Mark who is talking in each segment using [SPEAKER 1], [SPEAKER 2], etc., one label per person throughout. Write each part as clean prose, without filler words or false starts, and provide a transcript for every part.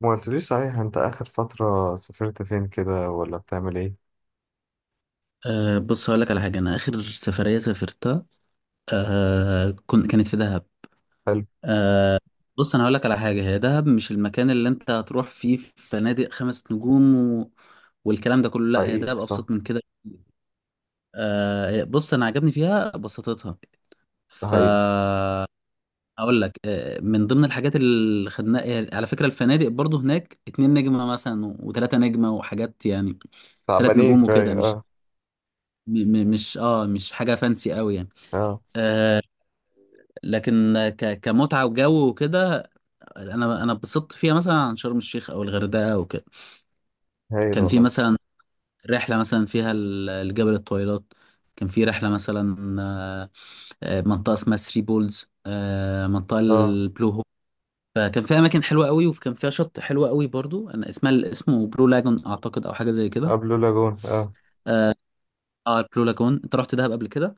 [SPEAKER 1] ما قلتليش صحيح؟ انت اخر فترة سافرت فين كده ولا بتعمل ايه؟
[SPEAKER 2] بص، هقول لك على حاجة. أنا آخر سفرية سافرتها كانت في دهب.
[SPEAKER 1] حلو.
[SPEAKER 2] بص، أنا هقول لك على حاجة: هي دهب مش المكان اللي أنت هتروح فيه في فنادق 5 نجوم والكلام ده كله. لا، هي
[SPEAKER 1] حقيقي
[SPEAKER 2] دهب
[SPEAKER 1] صح.
[SPEAKER 2] أبسط من كده. بص، أنا عجبني فيها بساطتها.
[SPEAKER 1] ده
[SPEAKER 2] ف
[SPEAKER 1] حقيقي.
[SPEAKER 2] أقول لك، من ضمن الحاجات اللي خدناها على فكرة الفنادق برضو هناك 2 نجمة مثلا وتلاتة نجمة وحاجات، يعني تلات
[SPEAKER 1] تعبانين
[SPEAKER 2] نجوم
[SPEAKER 1] شوية،
[SPEAKER 2] وكده، مش
[SPEAKER 1] اه.
[SPEAKER 2] م- م- مش اه مش حاجة فانسي قوي يعني.
[SPEAKER 1] اه.
[SPEAKER 2] آه، لكن كمتعة وجو وكده، انا اتبسطت فيها مثلا عن شرم الشيخ او الغردقة وكده.
[SPEAKER 1] هايل
[SPEAKER 2] كان في
[SPEAKER 1] والله.
[SPEAKER 2] مثلا رحلة مثلا فيها الجبل الطويلات، كان في رحلة مثلا، منطقة اسمها ثري بولز، منطقة
[SPEAKER 1] اه.
[SPEAKER 2] البلو هول. فكان فيها اماكن حلوة قوي وكان فيها شط حلو قوي برضو. اسمه بلو لاجون اعتقد او حاجة زي كده.
[SPEAKER 1] قبل لاجون، اه.
[SPEAKER 2] اه البلو لاجون، انت رحت دهب قبل كده؟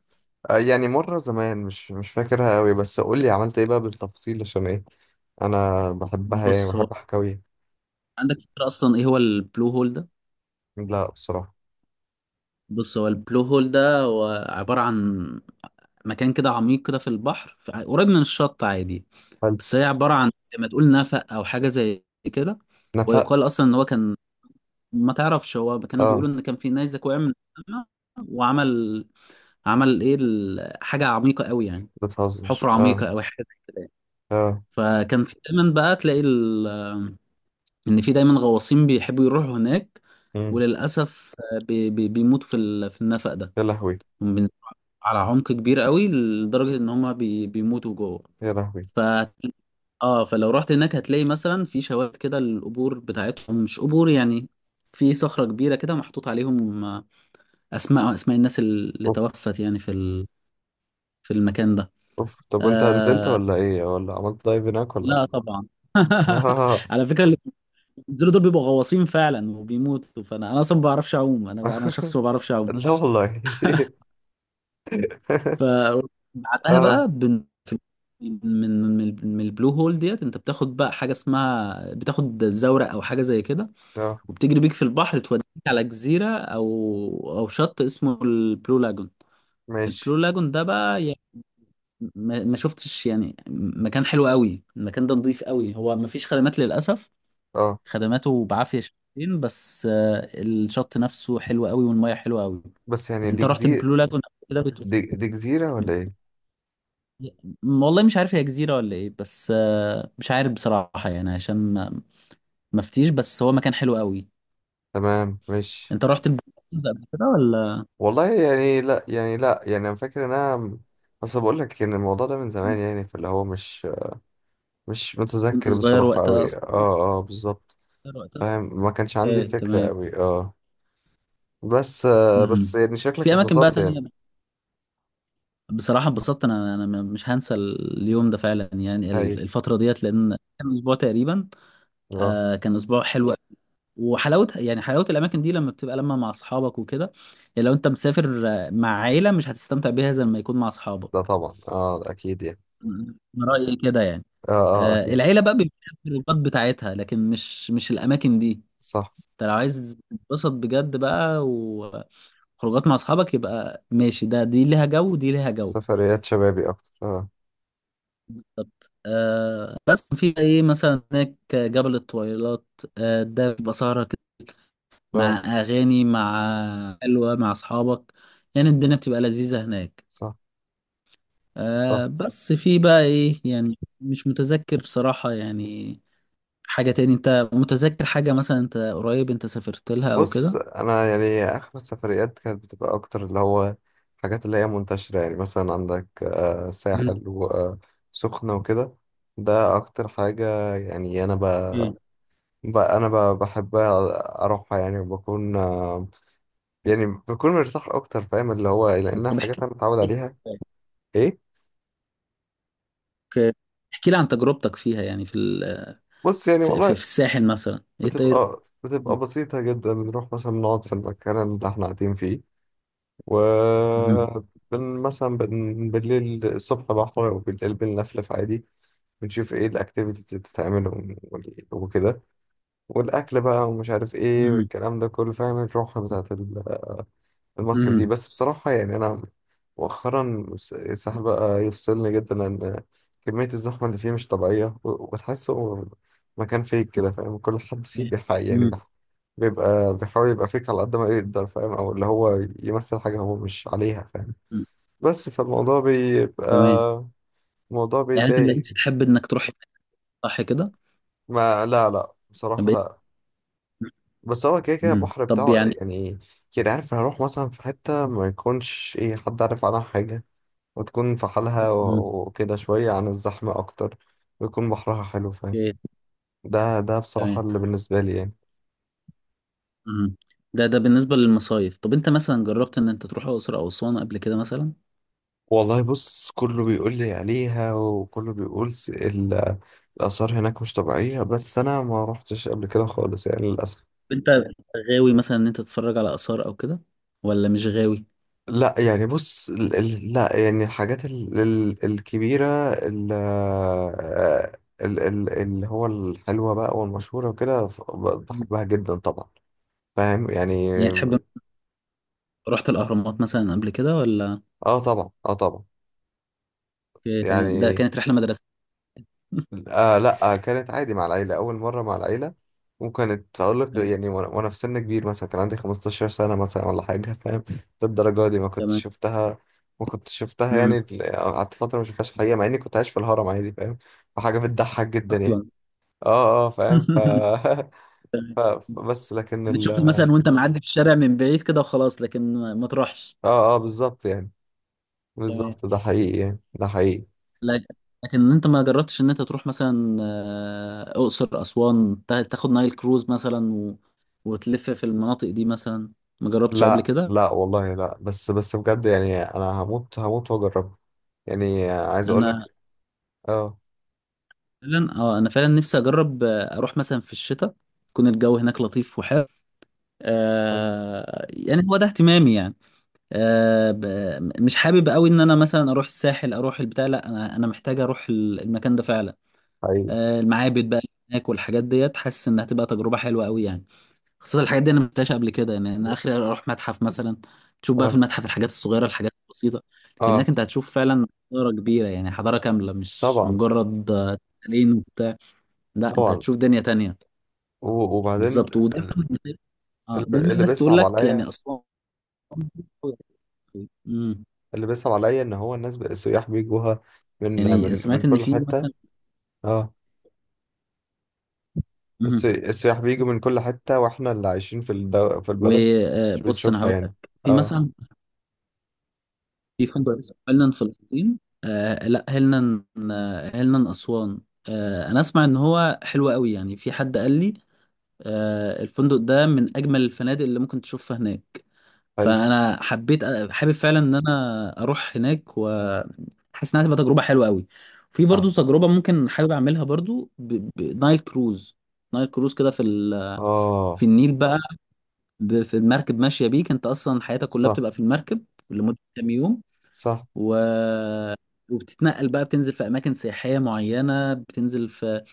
[SPEAKER 1] يعني مرة زمان، مش فاكرها قوي، بس قول لي عملت ايه بقى بالتفصيل، عشان ايه، انا بحبها، يعني
[SPEAKER 2] بص، هو
[SPEAKER 1] بحب حكاوي.
[SPEAKER 2] عندك فكرة اصلا ايه هو البلو هول ده؟
[SPEAKER 1] لا بصراحة.
[SPEAKER 2] بص، هو البلو هول ده هو عبارة عن مكان كده عميق كده في البحر، قريب من الشط عادي،
[SPEAKER 1] حلو.
[SPEAKER 2] بس هي عبارة عن زي ما تقول نفق أو حاجة زي كده.
[SPEAKER 1] نفق.
[SPEAKER 2] ويقال أصلا إن هو كان، ما تعرفش، هو كانوا
[SPEAKER 1] اه.
[SPEAKER 2] بيقولوا إن كان في نيزك وقع من السما وعمل حاجة عميقة قوي يعني،
[SPEAKER 1] بتهزر،
[SPEAKER 2] حفرة
[SPEAKER 1] اه.
[SPEAKER 2] عميقة أو حاجة زي كده يعني.
[SPEAKER 1] اه.
[SPEAKER 2] فكان في دايما بقى تلاقي إن في دايما غواصين بيحبوا يروحوا هناك،
[SPEAKER 1] مم.
[SPEAKER 2] وللأسف بيموتوا في النفق ده.
[SPEAKER 1] يا لهوي.
[SPEAKER 2] هم بينزلوا على عمق كبير قوي لدرجة إن هما بيموتوا جوه.
[SPEAKER 1] يا لهوي.
[SPEAKER 2] ف اه فلو رحت هناك هتلاقي مثلا في شواهد كده، القبور بتاعتهم مش قبور يعني، في صخرة كبيرة كده محطوط عليهم اسماء الناس اللي
[SPEAKER 1] اوف.
[SPEAKER 2] توفت يعني في المكان ده.
[SPEAKER 1] اوف. طب وانت نزلت
[SPEAKER 2] آه...
[SPEAKER 1] ولا ايه ولا عملت دايف هناك ولا؟
[SPEAKER 2] لا طبعا.
[SPEAKER 1] آه.
[SPEAKER 2] على فكرة اللي بينزلوا دول بيبقوا غواصين فعلا وبيموتوا. فانا اصلا ما بعرفش اعوم، انا شخص ما بعرفش اعوم.
[SPEAKER 1] لا والله.
[SPEAKER 2] ف بعدها
[SPEAKER 1] اه.
[SPEAKER 2] بقى من البلو هول ديت انت بتاخد بقى حاجة اسمها، بتاخد زورق او حاجة زي كده،
[SPEAKER 1] اه.
[SPEAKER 2] وبتجري بيك في البحر توديك على جزيرة أو شط اسمه البلو لاجون. البلو
[SPEAKER 1] ماشي.
[SPEAKER 2] لاجون ده بقى، يعني ما شفتش يعني مكان حلو قوي. المكان ده نظيف قوي، هو ما فيش خدمات للأسف،
[SPEAKER 1] اه،
[SPEAKER 2] خدماته بعافية شويتين، بس الشط نفسه حلو قوي والمية حلوة قوي.
[SPEAKER 1] بس يعني دي
[SPEAKER 2] انت رحت
[SPEAKER 1] جزيرة؟
[SPEAKER 2] البلو لاجون قبل كده؟
[SPEAKER 1] دي جزيرة ولا ايه؟
[SPEAKER 2] والله مش عارف هي جزيرة ولا ايه. بس مش عارف بصراحة يعني، عشان ما فتيش، بس هو مكان حلو قوي.
[SPEAKER 1] تمام ماشي.
[SPEAKER 2] انت رحت البلو لاجون ده قبل كده ولا
[SPEAKER 1] والله يعني لا يعني لا يعني انا فاكر ان انا اصل بقول لك ان الموضوع ده من زمان، يعني فاللي هو مش مش
[SPEAKER 2] كنت
[SPEAKER 1] متذكر
[SPEAKER 2] صغير
[SPEAKER 1] بصراحة
[SPEAKER 2] وقتها
[SPEAKER 1] قوي، اه.
[SPEAKER 2] اصلا؟
[SPEAKER 1] اه بالظبط.
[SPEAKER 2] اختار وقتها.
[SPEAKER 1] فاهم ما كانش عندي
[SPEAKER 2] ايه،
[SPEAKER 1] فكرة
[SPEAKER 2] تمام.
[SPEAKER 1] قوي، اه. بس آه بس
[SPEAKER 2] مهم.
[SPEAKER 1] يعني شكلك
[SPEAKER 2] في اماكن بقى
[SPEAKER 1] اتبسطت
[SPEAKER 2] تانية
[SPEAKER 1] يعني.
[SPEAKER 2] بصراحة اتبسطت. انا مش هنسى اليوم ده فعلا يعني،
[SPEAKER 1] هايل.
[SPEAKER 2] الفترة ديت، لان كان اسبوع تقريبا.
[SPEAKER 1] اه.
[SPEAKER 2] كان اسبوع حلو. وحلاوة يعني، حلاوة الاماكن دي لما بتبقى لما مع اصحابك وكده. يعني لو انت مسافر مع عيلة، مش هتستمتع بيها زي لما يكون مع
[SPEAKER 1] ده
[SPEAKER 2] اصحابك.
[SPEAKER 1] طبعا، اه اكيد يعني.
[SPEAKER 2] من رأيي كده يعني.
[SPEAKER 1] اه. اه اكيد.
[SPEAKER 2] العيلة بقى بيبقى لها الخروجات بتاعتها، لكن مش الاماكن دي.
[SPEAKER 1] صح.
[SPEAKER 2] انت لو عايز تتبسط بجد بقى، خروجات مع اصحابك يبقى ماشي. ده دي ليها جو ودي ليها جو.
[SPEAKER 1] سفريات شبابي اكتر، اه.
[SPEAKER 2] بالظبط. بس في بقى ايه، مثلا هناك جبل الطويلات، ده بيبقى سهرة كده مع
[SPEAKER 1] اه.
[SPEAKER 2] اغاني، مع حلوة، مع اصحابك، يعني الدنيا بتبقى لذيذة هناك.
[SPEAKER 1] صح. صح.
[SPEAKER 2] بس في بقى ايه يعني، مش متذكر بصراحة يعني. حاجة تاني انت متذكر حاجة مثلا، انت قريب انت سافرت لها او
[SPEAKER 1] بص
[SPEAKER 2] كده؟
[SPEAKER 1] انا يعني اخر السفريات كانت بتبقى اكتر اللي هو الحاجات اللي هي منتشرة، يعني مثلا عندك
[SPEAKER 2] مم.
[SPEAKER 1] ساحل وسخنة وكده. ده اكتر حاجة، يعني انا ب...
[SPEAKER 2] اوكي.
[SPEAKER 1] ب... انا ب... بحب اروحها، يعني وبكون يعني بكون مرتاح اكتر، فاهم اللي هو لانها
[SPEAKER 2] طب
[SPEAKER 1] حاجات
[SPEAKER 2] احكي.
[SPEAKER 1] انا متعود عليها. ايه.
[SPEAKER 2] اوكي. احكي لي عن تجربتك فيها يعني في ال-
[SPEAKER 1] بص يعني
[SPEAKER 2] في, في, في
[SPEAKER 1] والله
[SPEAKER 2] الساحل مثلا، ايه الطير.
[SPEAKER 1] بتبقى
[SPEAKER 2] مم.
[SPEAKER 1] بسيطة جدا، بنروح مثلا نقعد في المكان اللي احنا قاعدين فيه،
[SPEAKER 2] مم.
[SPEAKER 1] وبن مثلا بن بالليل الصبح بحر وبالليل بنلفلف عادي. بنشوف ايه الاكتيفيتيز اللي بتتعمل، وال- وكده، والاكل بقى ومش عارف ايه
[SPEAKER 2] مم.
[SPEAKER 1] والكلام ده كله، فاهم الروح بتاعت ال- المصيف دي.
[SPEAKER 2] مم.
[SPEAKER 1] بس بصراحة يعني انا مؤخرا الس- الساحل بقى يفصلني جدا، لان كمية الزحمة اللي فيه مش طبيعية، و- وتحسه مكان فيك كده، فاهم كل حد فيه بيحقق يعني
[SPEAKER 2] مم.
[SPEAKER 1] بيح- بيبقى بيحاول يبقى فيك على قد ما يقدر، فاهم او اللي هو يمثل حاجة هو مش عليها، فاهم.
[SPEAKER 2] مم.
[SPEAKER 1] بس فالموضوع بيبقى
[SPEAKER 2] تمام،
[SPEAKER 1] الموضوع
[SPEAKER 2] يعني انت ما
[SPEAKER 1] بيضايق.
[SPEAKER 2] بقيتش تحب انك تروح هناك، صح كده؟
[SPEAKER 1] ما لا لا
[SPEAKER 2] ما
[SPEAKER 1] بصراحة،
[SPEAKER 2] بقيت.
[SPEAKER 1] لا. بس هو كده كده
[SPEAKER 2] مم.
[SPEAKER 1] البحر
[SPEAKER 2] طب
[SPEAKER 1] بتاعه
[SPEAKER 2] يعني.
[SPEAKER 1] يعني. يعني عارف هروح مثلا في حتة ما يكونش ايه حد عارف عنها حاجة، وتكون في حالها،
[SPEAKER 2] مم.
[SPEAKER 1] و- وكده شوية عن الزحمة أكتر، ويكون بحرها حلو، فاهم.
[SPEAKER 2] اوكي.
[SPEAKER 1] ده بصراحة
[SPEAKER 2] تمام.
[SPEAKER 1] اللي بالنسبة لي يعني.
[SPEAKER 2] مم. ده بالنسبة للمصايف. طب انت مثلا جربت ان انت تروح الاقصر او اسوان قبل كده مثلا؟
[SPEAKER 1] والله بص كله بيقول لي عليها وكله بيقول س- ال- الآثار هناك مش طبيعية، بس أنا ما روحتش قبل كده خالص يعني للأسف.
[SPEAKER 2] انت غاوي مثلا ان انت تتفرج على اثار او كده، ولا مش غاوي؟
[SPEAKER 1] لا يعني بص ال- ال- لا يعني الحاجات ال- ال- الكبيرة، ال- ال- ال- اللي هو الحلوة بقى والمشهورة وكده، ف- ب-
[SPEAKER 2] مم.
[SPEAKER 1] بحبها جدا طبعا، فاهم يعني.
[SPEAKER 2] يعني تحب. رحت الاهرامات مثلا قبل كده ولا؟
[SPEAKER 1] اه طبعا، اه طبعا.
[SPEAKER 2] اوكي، تمام. ده
[SPEAKER 1] يعني
[SPEAKER 2] كانت رحلة مدرسة؟
[SPEAKER 1] لا، كانت عادي مع العيلة، أول مرة مع العيلة، وكانت أقول لك
[SPEAKER 2] تمام.
[SPEAKER 1] يعني وأنا في سن كبير، مثلا كان عندي 15 سنة مثلا ولا حاجة، فاهم للدرجة دي ما كنتش
[SPEAKER 2] تمام.
[SPEAKER 1] شفتها. ما كنتش شفتها، يعني
[SPEAKER 2] مم.
[SPEAKER 1] ال- قعدت فترة ما شفتهاش حقيقة، مع إني كنت عايش في الهرم عادي، فاهم فحاجة بتضحك جدا يعني.
[SPEAKER 2] اصلا.
[SPEAKER 1] اه اه فاهم ف... ف... بس لكن ال
[SPEAKER 2] بتشوفه
[SPEAKER 1] اه.
[SPEAKER 2] مثلا وانت معدي في الشارع من بعيد كده وخلاص، لكن ما تروحش.
[SPEAKER 1] اه بالظبط يعني.
[SPEAKER 2] تمام.
[SPEAKER 1] بالظبط ده حقيقي يعني، ده حقيقي.
[SPEAKER 2] لك- لكن انت ما جربتش ان انت تروح مثلا، اقصر اسوان، تاخد نايل كروز مثلا وتلف في المناطق دي مثلا؟ ما جربتش قبل
[SPEAKER 1] لا
[SPEAKER 2] كده؟
[SPEAKER 1] لا والله لا، بس بجد يعني أنا هموت هموت وأجربه، يعني عايز أقول
[SPEAKER 2] انا
[SPEAKER 1] لك. اه.
[SPEAKER 2] انا فعلا نفسي اجرب، اروح مثلا في الشتاء يكون الجو هناك لطيف وحلو. يعني هو ده اهتمامي يعني. آه ب... مش حابب قوي ان انا مثلا اروح الساحل، اروح البتاع. لا، انا محتاج اروح المكان ده فعلا.
[SPEAKER 1] ايوه.
[SPEAKER 2] المعابد بقى هناك والحاجات ديت، حاسس انها تبقى تجربه حلوه قوي يعني، خاصه الحاجات دي انا ما شفتهاش قبل كده يعني. انا اخري اروح متحف مثلا، تشوف بقى في
[SPEAKER 1] اه.
[SPEAKER 2] المتحف الحاجات الصغيره، الحاجات البسيطه، لكن
[SPEAKER 1] اه
[SPEAKER 2] هناك انت هتشوف فعلا حضاره كبيره، يعني حضاره كامله، مش
[SPEAKER 1] طبعا
[SPEAKER 2] مجرد تمثالين وبتاع. لا، انت
[SPEAKER 1] طبعا.
[SPEAKER 2] هتشوف دنيا تانية.
[SPEAKER 1] و- وبعدين
[SPEAKER 2] بالظبط. ودايما
[SPEAKER 1] اللي
[SPEAKER 2] اه دايما
[SPEAKER 1] اللي
[SPEAKER 2] الناس تقول
[SPEAKER 1] بيصعب
[SPEAKER 2] لك
[SPEAKER 1] عليا،
[SPEAKER 2] يعني اسوان. امم
[SPEAKER 1] اللي بيصعب عليا ان هو الناس بقى- السياح بيجوها من
[SPEAKER 2] يعني
[SPEAKER 1] من
[SPEAKER 2] سمعت
[SPEAKER 1] من
[SPEAKER 2] ان
[SPEAKER 1] كل
[SPEAKER 2] في
[SPEAKER 1] حته.
[SPEAKER 2] مثلا.
[SPEAKER 1] اه.
[SPEAKER 2] امم
[SPEAKER 1] السي- السياح بيجوا من كل حته، واحنا اللي عايشين في الدو... في البلد مش
[SPEAKER 2] وبص، انا
[SPEAKER 1] بنشوفها
[SPEAKER 2] هقول
[SPEAKER 1] يعني.
[SPEAKER 2] لك، في
[SPEAKER 1] اه.
[SPEAKER 2] مثلا في فندق اسمه هيلنان فلسطين. لا، هيلنان. هيلنان أسوان. أنا أسمع إن هو حلو قوي يعني. في حد قال لي، الفندق ده من أجمل الفنادق اللي ممكن تشوفها هناك.
[SPEAKER 1] حلو.
[SPEAKER 2] فأنا حابب فعلا إن أنا أروح هناك، وحاسس إنها هتبقى تجربة حلوة قوي. في
[SPEAKER 1] اه.
[SPEAKER 2] برضو تجربة ممكن حابب أعملها برضو، بنايل كروز. نايل كروز كده في
[SPEAKER 1] اه.
[SPEAKER 2] النيل بقى، في المركب ماشية بيك، أنت أصلا حياتك كلها
[SPEAKER 1] صح.
[SPEAKER 2] بتبقى في المركب لمدة كام يوم،
[SPEAKER 1] صح.
[SPEAKER 2] و وبتتنقل بقى، بتنزل في اماكن سياحيه معينه، بتنزل في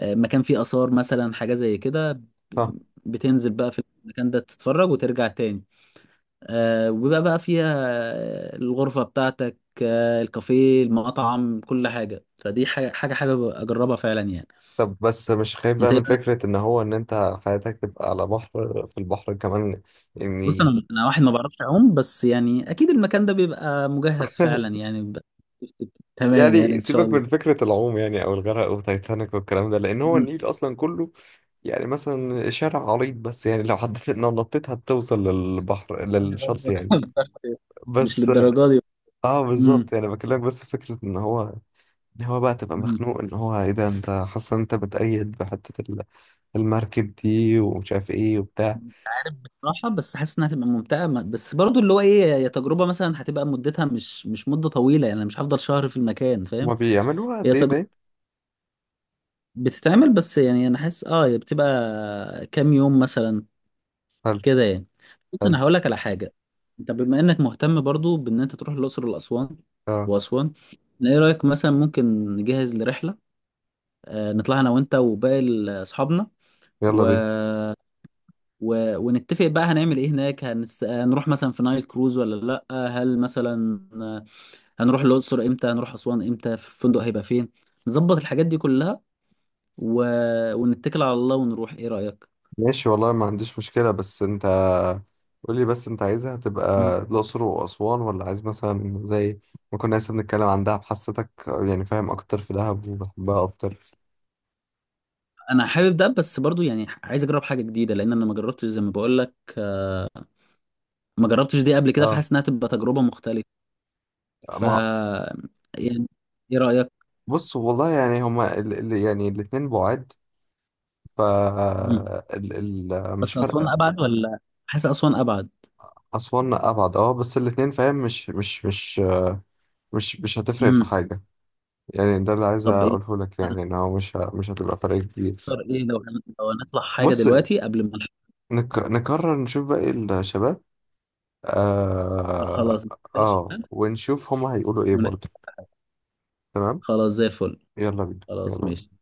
[SPEAKER 2] مكان فيه اثار مثلا، حاجه زي كده.
[SPEAKER 1] صح.
[SPEAKER 2] بتنزل بقى في المكان ده، تتفرج وترجع تاني. وبيبقى بقى فيها الغرفه بتاعتك، الكافيه، المطعم، كل حاجه. فدي حاجه حابب اجربها فعلا يعني.
[SPEAKER 1] طب بس مش خايف بقى
[SPEAKER 2] انت إيه
[SPEAKER 1] من
[SPEAKER 2] رأيك؟
[SPEAKER 1] فكره ان هو ان انت حياتك تبقى على بحر في البحر كمان؟
[SPEAKER 2] بص،
[SPEAKER 1] يعني.
[SPEAKER 2] أنا واحد ما بعرفش اعوم، بس يعني اكيد المكان ده بيبقى مجهز فعلا، يعني بيبقى. تمام يعني،
[SPEAKER 1] يعني
[SPEAKER 2] ان شاء
[SPEAKER 1] سيبك من فكرة العوم يعني أو الغرق وتايتانيك والكلام ده، لأن هو
[SPEAKER 2] الله.
[SPEAKER 1] النيل أصلا كله يعني مثلا شارع عريض، بس يعني لو حددت إن نطيت هتوصل للبحر
[SPEAKER 2] دي برضه
[SPEAKER 1] للشط
[SPEAKER 2] ما
[SPEAKER 1] يعني.
[SPEAKER 2] تهزرش. مش
[SPEAKER 1] بس
[SPEAKER 2] للدرجه دي.
[SPEAKER 1] اه
[SPEAKER 2] امم.
[SPEAKER 1] بالظبط يعني بكلمك، بس فكرة إن هو إن هو بقى تبقى
[SPEAKER 2] امم
[SPEAKER 1] مخنوق، إن هو إيه ده، أنت حاسس إن أنت بتأيد بحتة ال- المركب دي، ومش عارف إيه وبتاع.
[SPEAKER 2] صراحه بس حاسس انها هتبقى ممتعه. بس برضه اللي هو ايه، هي تجربه مثلا هتبقى مدتها مش مده طويله يعني، أنا مش هفضل شهر في المكان
[SPEAKER 1] هما
[SPEAKER 2] فاهم.
[SPEAKER 1] بيعملوها
[SPEAKER 2] هي
[SPEAKER 1] قد إيه
[SPEAKER 2] تجربه
[SPEAKER 1] ده؟
[SPEAKER 2] بتتعمل، بس يعني انا حاسس هي بتبقى كام يوم مثلا
[SPEAKER 1] حلو.
[SPEAKER 2] كده يعني. بس
[SPEAKER 1] حلو.
[SPEAKER 2] انا هقول لك على حاجه: انت بما انك مهتم برضه بان انت تروح الاقصر والاسوان
[SPEAKER 1] اه.
[SPEAKER 2] واسوان ايه رايك مثلا ممكن نجهز لرحله؟ نطلع انا وانت وباقي اصحابنا،
[SPEAKER 1] يلا بينا.
[SPEAKER 2] ونتفق بقى هنعمل ايه هناك. هنروح مثلا في نايل كروز ولا لا هل مثلا هنروح الاقصر امتى، هنروح اسوان امتى، في الفندق هيبقى فين، نظبط الحاجات دي كلها و... ونتكل على الله ونروح. ايه رأيك؟
[SPEAKER 1] ماشي والله ما عنديش مشكلة، بس انت قولي بس انت عايزها
[SPEAKER 2] مم.
[SPEAKER 1] تبقى الأقصر وأسوان، ولا عايز مثلا زي ما كنا لسه بنتكلم عن دهب، حسيتك يعني فاهم أكتر في دهب وبحبها أكتر.
[SPEAKER 2] انا حابب ده، بس برضو يعني عايز اجرب حاجه جديده، لان انا ما جربتش زي ما بقول لك، ما جربتش دي قبل كده،
[SPEAKER 1] اه.
[SPEAKER 2] فحاسس انها تبقى تجربه مختلفه. ف
[SPEAKER 1] ما
[SPEAKER 2] يعني ايه رايك؟
[SPEAKER 1] بص والله يعني هما ال يعني الاتنين بعاد، ف
[SPEAKER 2] مم.
[SPEAKER 1] ال ال مش
[SPEAKER 2] بس اسوان
[SPEAKER 1] فارقة.
[SPEAKER 2] ابعد، ولا حاسس اسوان ابعد؟
[SPEAKER 1] أسوان أبعد، اه، بس الاتنين فاهم مش هتفرق في
[SPEAKER 2] امم
[SPEAKER 1] حاجة، يعني ده اللي عايز
[SPEAKER 2] طب ايه
[SPEAKER 1] أقوله لك، يعني إن هو مش ه- مش هتبقى فرق كبير.
[SPEAKER 2] نختار، ايه لو لو هنطلع حاجه
[SPEAKER 1] بص
[SPEAKER 2] دلوقتي قبل ما نختار؟
[SPEAKER 1] نك نكرر نشوف باقي الشباب.
[SPEAKER 2] خلاص،
[SPEAKER 1] اه,
[SPEAKER 2] ماشي.
[SPEAKER 1] آه. ونشوف هما هيقولوا ايه برضه.
[SPEAKER 2] ونختار.
[SPEAKER 1] تمام.
[SPEAKER 2] خلاص، زي الفل.
[SPEAKER 1] يلا بينا
[SPEAKER 2] خلاص،
[SPEAKER 1] يلا
[SPEAKER 2] ماشي.
[SPEAKER 1] بينا.